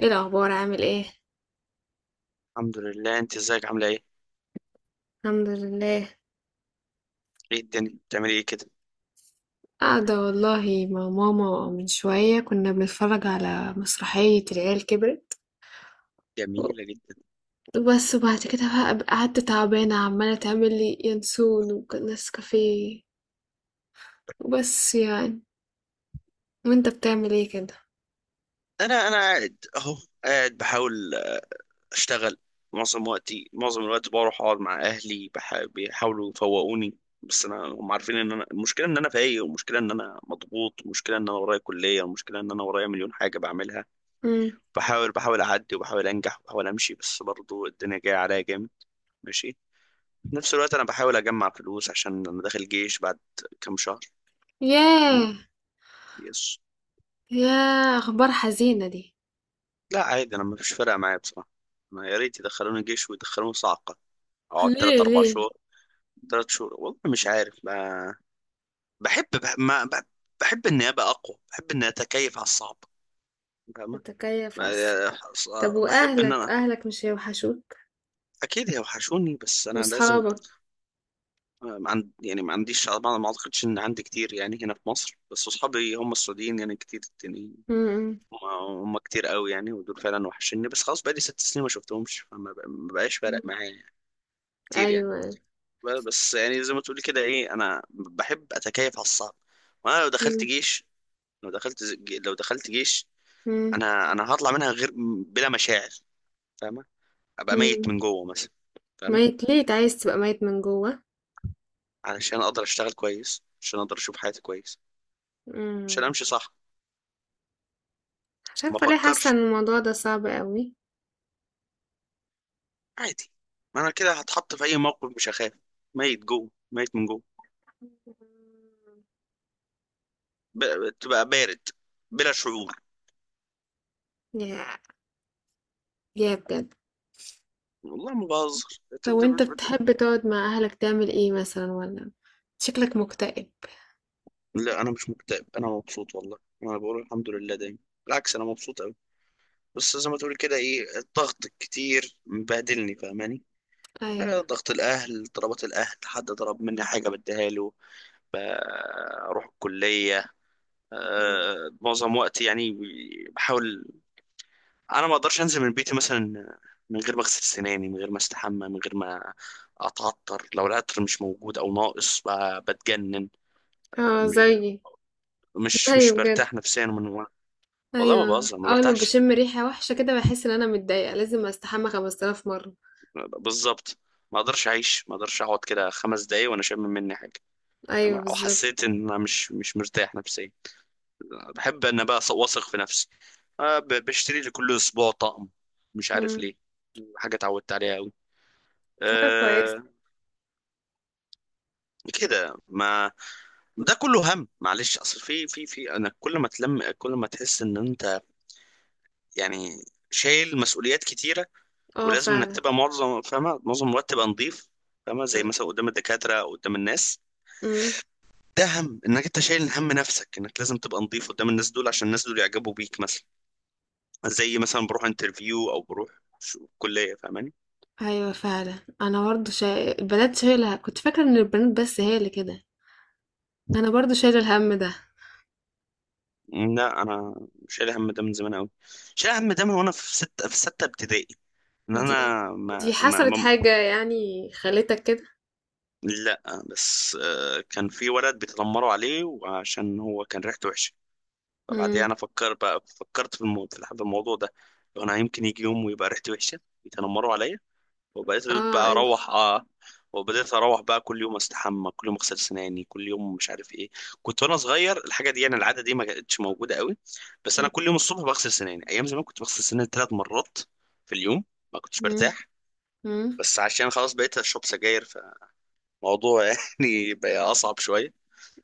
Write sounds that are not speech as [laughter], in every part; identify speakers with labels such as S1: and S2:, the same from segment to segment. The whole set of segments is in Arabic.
S1: ايه الاخبار، عامل ايه؟
S2: الحمد لله، انت ازيك؟ عامله ايه؟
S1: الحمد لله.
S2: ايه الدنيا بتعملي ايه كده؟
S1: قاعده والله مع ماما، من شويه كنا بنتفرج على مسرحيه العيال كبرت.
S2: جميلة جدا.
S1: بس بعد كده بقى قعدت تعبانه، عماله تعمل لي ينسون ونسكافيه، وبس يعني. وانت بتعمل ايه كده؟
S2: انا قاعد اهو. قاعد بحاول اشتغل. معظم الوقت بروح اقعد مع اهلي بيحاولوا يفوقوني. بس انا هم عارفين ان انا المشكله ان انا فايق، والمشكله ان انا مضغوط، والمشكله ان انا ورايا كليه، والمشكله ان انا ورايا مليون حاجه بعملها.
S1: امم.
S2: بحاول اعدي، وبحاول انجح، وبحاول امشي، بس برضو الدنيا جايه عليا جامد. ماشي. في نفس الوقت انا بحاول اجمع فلوس عشان انا داخل جيش بعد كام شهر. تمام.
S1: ياه.
S2: يس.
S1: ياه، اخبار حزينه دي.
S2: لا، عادي، انا مفيش فارقه معايا بصراحه. ما يا ريت يدخلوني جيش ويدخلوني صعقه. اقعد تلات
S1: ليه
S2: اربع
S1: ليه؟
S2: شهور. 3 شهور، والله مش عارف ما. بحب بح... ما بح... بحب اني ابقى اقوى، بحب اني اتكيف على الصعب. فاهمة؟
S1: بتكيف اصلا؟
S2: ما-
S1: طب
S2: بحب ان
S1: واهلك،
S2: انا
S1: اهلك مش هيوحشوك؟
S2: اكيد هيوحشوني، بس انا لازم.
S1: واصحابك؟
S2: ما عند... يعني ما عنديش، ما اعتقدش ان عندي كتير يعني هنا في مصر، بس اصحابي هم السعوديين يعني كتير، التانيين.
S1: امم.
S2: هم كتير قوي يعني، ودول فعلا وحشني، بس خلاص بقالي 6 سنين ما شفتهمش، فما ما بقاش فارق معايا يعني. كتير يعني.
S1: ايوه.
S2: بس يعني زي ما تقولي كده ايه، انا بحب اتكيف على الصعب. وانا لو دخلت جيش، لو دخلت جيش،
S1: امم.
S2: انا هطلع منها غير، بلا مشاعر. فاهمه؟ ابقى
S1: إمم.
S2: ميت من جوه مثلا. فاهمه؟
S1: ميّت ليه؟ أنت عايز تبقى ميّت من جوّه؟
S2: علشان اقدر اشتغل كويس، عشان اقدر اشوف حياتي كويس. عشان
S1: إمم.
S2: امشي صح.
S1: مش
S2: ما
S1: عارفة ليه حاسة
S2: افكرش.
S1: إن الموضوع ده صعب أوي.
S2: عادي. ما انا كده، هتحط في اي موقف مش هخاف. ميت جوه، ميت من جوه. تبقى بارد، بلا شعور.
S1: ياه! ياه بجد.
S2: والله ما بهزر.
S1: طب وأنت بتحب تقعد مع أهلك تعمل إيه مثلًا والّا شكلك مكتئب؟
S2: لا، انا مش مكتئب، انا مبسوط والله، انا بقول الحمد لله دايما. بالعكس، انا مبسوط قوي. بس زي ما تقول كده ايه، الضغط الكتير مبهدلني، فاهماني؟
S1: أيوه.
S2: ضغط الاهل، طلبات الاهل، حد طلب مني حاجه بديها له. آه، اروح الكليه.
S1: إمم.
S2: معظم وقتي يعني. بحاول. انا ما اقدرش انزل من بيتي مثلا من غير ما اغسل سناني، من غير ما استحمى، من غير ما اتعطر. لو العطر مش موجود او ناقص بتجنن.
S1: آه زيي،
S2: مش
S1: زيي
S2: مش
S1: بجد.
S2: برتاح نفسيا والله ما
S1: أيوه.
S2: بهزر، ما
S1: أول ما
S2: برتاحش.
S1: باشم ريحة وحشة كده باحس إن أنا متضايقة، لازم أستحمى 5000 مرّة.
S2: بالظبط. ما اقدرش اعيش، ما اقدرش اقعد كده 5 دقايق وانا شامم مني حاجه. تمام؟
S1: أيوه
S2: او
S1: بالضبط.
S2: حسيت ان انا مش مرتاح نفسيا. بحب ان بقى واثق في نفسي. بشتري لي كل اسبوع طقم، مش عارف
S1: إمم.
S2: ليه. حاجه اتعودت عليها قوي.
S1: حاجة كويسة.
S2: أه كده ما. ده كله هم، معلش، اصل في انا كل ما تلم، كل ما تحس ان انت، يعني، شايل مسؤوليات كتيره.
S1: آه
S2: ولازم انك
S1: فعلًا.
S2: تبقى معظم، فاهمه، معظم الوقت تبقى نظيف. فاهمه؟ زي
S1: إمم.
S2: مثلا قدام الدكاتره او قدام الناس.
S1: إمم.
S2: ده هم انك انت شايل هم نفسك، انك لازم تبقى نظيف قدام الناس دول، عشان الناس دول يعجبوا بيك مثلا. زي مثلا بروح انترفيو، او بروح كليه. فاهماني؟
S1: ايوه فعلا، انا برضو البنات شايله، كنت فاكره ان البنات بس هي اللي كده. انا برضو شايله الهم ده.
S2: لا، انا شايل هم ده من زمان قوي. شايل هم ده من وانا في ستة ابتدائي. ان
S1: دي
S2: انا ما,
S1: دي
S2: ما,
S1: حصلت
S2: ما
S1: حاجه يعني خلتك كده؟
S2: لا. بس كان في ولد بيتنمروا عليه وعشان هو كان ريحته وحشه. فبعديها
S1: امم.
S2: انا فكرت في الموضوع، في الموضوع ده. انا يمكن يجي يوم ويبقى ريحتي وحشه يتنمروا عليا. وبقيت
S1: اه
S2: بقى
S1: عادي.
S2: اروح وبدأت اروح بقى كل يوم استحمى، كل يوم اغسل سناني، كل يوم مش عارف ايه. كنت وانا صغير الحاجه دي، يعني العاده دي ما كانتش موجوده قوي. بس انا كل يوم الصبح بغسل سناني، ايام زمان كنت بغسل سناني 3 مرات في اليوم. ما كنتش
S1: امم.
S2: برتاح.
S1: امم.
S2: بس عشان خلاص بقيت اشرب سجاير، فالموضوع [laughs] يعني بقى اصعب شويه،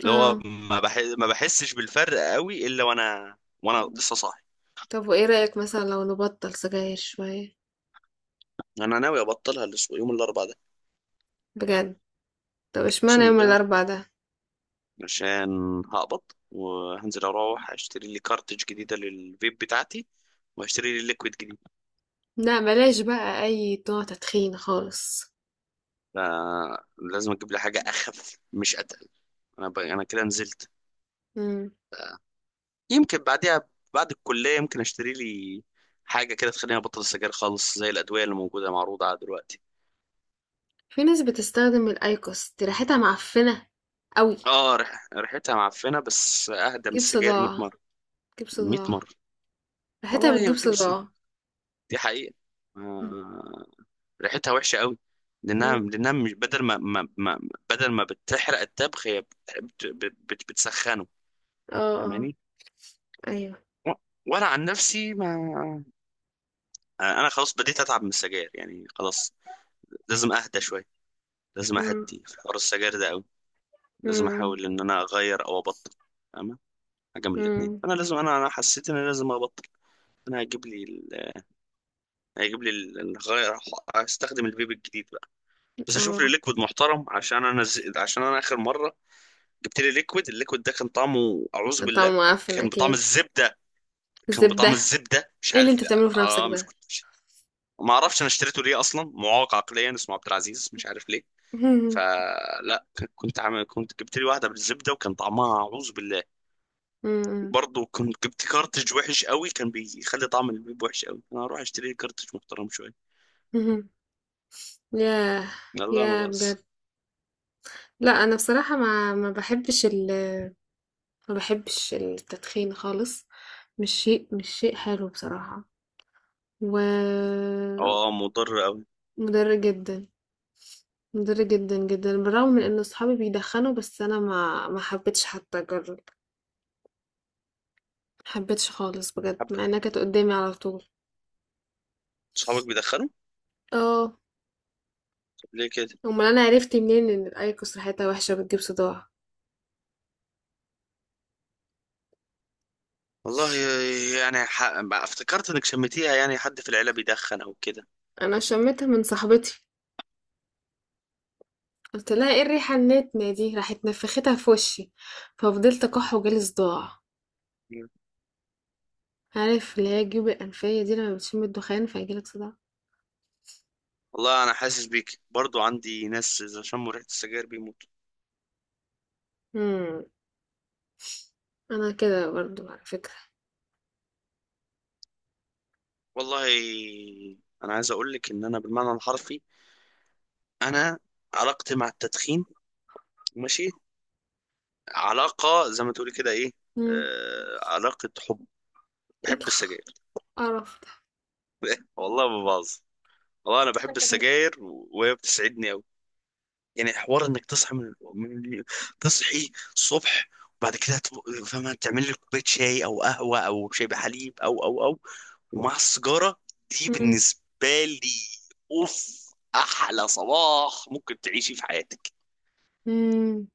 S2: اللي هو
S1: اه.
S2: ما بحسش بالفرق قوي الا وانا، وانا لسه صاحي.
S1: طب وايه رايك مثلا لو نبطل سجاير شويه؟
S2: انا ناوي ابطلها يوم الاربعاء ده.
S1: بجد؟ طب اشمعنى
S2: اقسم
S1: يوم
S2: بالله.
S1: الاربعاء ده؟
S2: عشان هقبض، وهنزل اروح اشتري لي كارتج جديده للفيب بتاعتي، وهشتري لي ليكويد جديد.
S1: لا، بلاش بقى اي نوع تدخين خالص.
S2: فلازم اجيب لي حاجه اخف، مش اتقل. انا كده نزلت.
S1: امم.
S2: يمكن بعديها، بعد الكليه، يمكن اشتري لي حاجه كده تخليني ابطل السجاير خالص، زي الادويه اللي موجوده معروضه على دلوقتي.
S1: في ناس بتستخدم الايكوس دي، ريحتها معفنه قوي.
S2: اه، ريحتها معفنه، بس اهدى من
S1: تجيب
S2: السجاير 100
S1: صداع،
S2: مره.
S1: تجيب
S2: 100
S1: صداع.
S2: مره.
S1: ريحتها
S2: والله هي
S1: بتجيب
S2: بتجيب السنة.
S1: صداع.
S2: دي حقيقه.
S1: إمم،
S2: آه. ريحتها وحشه قوي. لانها
S1: إمم،
S2: لانها مش بدل ما. بدل ما بتحرق الطبخ هي بتسخنه.
S1: آه، آه،
S2: فاهماني؟
S1: أيوه،
S2: و- وانا عن نفسي ما. انا خلاص بديت اتعب من السجاير يعني، خلاص لازم اهدى شويه. لازم
S1: إمم،
S2: اهدي في حوار السجاير ده قوي. لازم
S1: إمم،
S2: احاول ان انا اغير او ابطل. فاهمه؟ حاجه من الاثنين،
S1: إمم،
S2: انا لازم، انا حسيت ان انا لازم ابطل. انا هجيب لي الغير. استخدم الفيب الجديد بقى. بس اشوف لي
S1: آه،
S2: ليكويد محترم، عشان انا اخر مره جبت لي ليكويد، الليكويد ده كان طعمه اعوذ بالله.
S1: طعمه معفن
S2: كان بطعم
S1: أكيد،
S2: الزبده. كان بطعم
S1: زبدة،
S2: الزبده، مش
S1: إيه اللي
S2: عارف،
S1: أنت
S2: لا
S1: بتعمله في نَفْسك
S2: اه مش،
S1: ده؟
S2: كنت مش. ما اعرفش انا اشتريته ليه اصلا، معاق عقليا اسمه عبد العزيز، مش عارف ليه.
S1: [laughs] إمم،
S2: فلا، كنت عامل، كنت جبت لي واحده بالزبده وكان طعمها اعوذ بالله.
S1: إمم،
S2: وبرضه كنت جبت كارتridج وحش قوي، كان بيخلي طعم البيب وحش قوي. انا هروح اشتري لي كارتridج محترم شويه.
S1: اهم، ياه!
S2: لا، ما
S1: ياه
S2: بهزر.
S1: بجد! لأ، أنا بصراحة ما باحبش التدخين خالص، مش شيء حلو بصراحة، ومُضِر
S2: اه، مضر قوي.
S1: جدًا، مُضِر جدًا، جدًا، بالرغم من إن صحابي بيدخّنوا، بس أنا ما حبيتش حتى أجرّب. محبتش خالص بجد
S2: حب.
S1: مع انها كانت قدامي على طول.
S2: صحابك بيدخنوا؟
S1: اه.
S2: طب ليه كده؟
S1: امال انا عرفت منين ان الايكوس ريحتها وحشه بتجيب صداع؟
S2: والله، يعني افتكرت انك شميتيها، يعني حد في العيله بيدخن او كده؟
S1: انا شميتها من صاحبتي، قلت لها ايه الريحه النتنه دي، راحت نفختها في وشي، ففضلت اكح وجالي صداع.
S2: مم.
S1: عارف اللي هي الجيوب الانفيه دي، لما بتشم الدخان فيجيلك صداع.
S2: والله انا حاسس بيك، برضو عندي ناس اذا شموا ريحه السجاير بيموتوا.
S1: امم. انا كده برضو على فكره.
S2: والله انا عايز اقول لك ان انا بالمعنى الحرفي، انا، علاقتي مع التدخين، ماشي، علاقه زي ما تقولي كده ايه،
S1: امم.
S2: علاقه حب.
S1: ايه
S2: بحب السجاير.
S1: القرف ده؟
S2: والله ما بهزر. والله انا بحب السجاير، وهي بتسعدني قوي. يعني حوار انك تصحى من، تصحي الصبح، وبعد كده فاهمة تعمل لي كوباية شاي او قهوة او شاي بحليب او ومع السيجارة دي،
S1: امم.
S2: بالنسبة لي، اوف، احلى صباح ممكن تعيشي في حياتك.
S1: امم.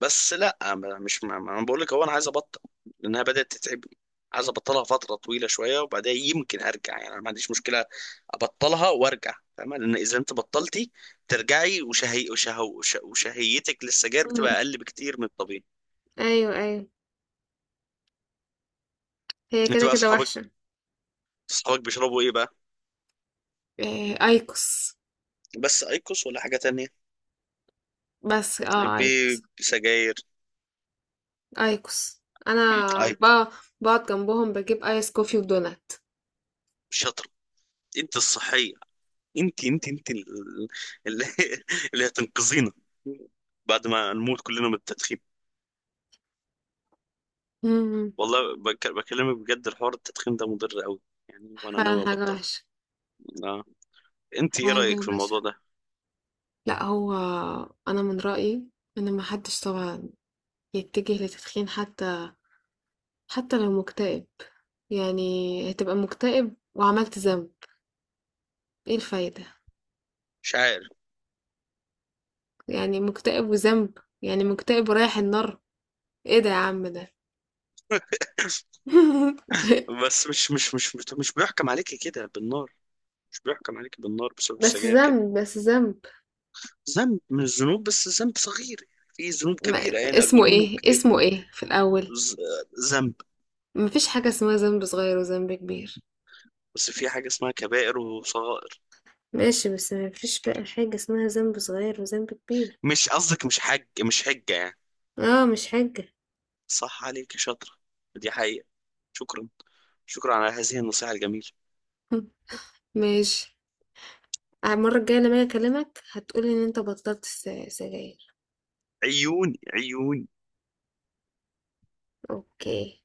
S2: بس لا ما- مش ما ما- انا بقول لك هو انا عايز ابطل، لانها بدات تتعبني. عايز ابطلها فتره طويله شويه، وبعدها يمكن ارجع يعني، انا ما عنديش مشكله ابطلها وارجع. فاهمه؟ لان اذا انت بطلتي ترجعي وشهيتك للسجاير
S1: أمم.
S2: بتبقى اقل بكتير من الطبيعي.
S1: ايوه ايوه، هي
S2: انت
S1: كده
S2: بقى،
S1: كده
S2: اصحابك،
S1: وحشه.
S2: اصحابك بيشربوا ايه بقى؟
S1: إيه، ايكوس؟
S2: بس ايكوس ولا حاجه تانية؟
S1: بس ايكوس.
S2: بسجاير؟
S1: ايكوس. انا
S2: ايكوس؟
S1: بقى بقعد جنبهم بجيب ايس كوفي ودونات.
S2: شاطر. انت الصحيه. انت اللي [laughs] اللي هتنقذينا بعد ما نموت كلنا من التدخين.
S1: امم.
S2: والله بكلمك بجد، الحوار التدخين ده مضر قوي يعني، وانا
S1: فعلا
S2: ناوي
S1: حاجة
S2: ابطل.
S1: وحشة.
S2: اه. انت ايه
S1: حاجة
S2: رايك في الموضوع
S1: بشعة.
S2: ده؟
S1: لا، هو انا من رأيي ان ما حدش طبعا يتجه لتدخين، حتى لو مكتئب، يعني هتبقى مكتئب وعملت ذنب. ايه الفايدة؟
S2: مش عارف.
S1: يعني مكتئب وذنب، يعني مكتئب ورايح النار. ايه ده يا عم ده؟
S2: [coughs]
S1: [laughs]
S2: بس مش بيحكم عليك كده بالنار. مش بيحكم عليك بالنار بسبب
S1: بس
S2: السجاير كده.
S1: ذنب، بس ذنب.
S2: ذنب من الذنوب، بس ذنب صغير. في ذنوب كبيره يعني
S1: اسمه
S2: اكبر منه
S1: ايه،
S2: بكتير.
S1: في الاول؟
S2: ز- ذنب.
S1: مفيش حاجة اسمها ذنب صغير وذنب كبير.
S2: بس في حاجه اسمها كبائر وصغائر.
S1: ماشي، بس مفيش بقى حاجة اسمها ذنب صغير وذنب كبير.
S2: مش قصدك مش حجه يعني؟
S1: اه مش حاجة.
S2: صح عليك يا شاطره. دي حقيقه. شكرا. شكرا على هذه النصيحه الجميله.
S1: [laughs] ماشي. المرة الجاية لما أجي أكلمك هتقولي إن أنت بطلت سجاير.
S2: عيون، عيون.
S1: أوكي.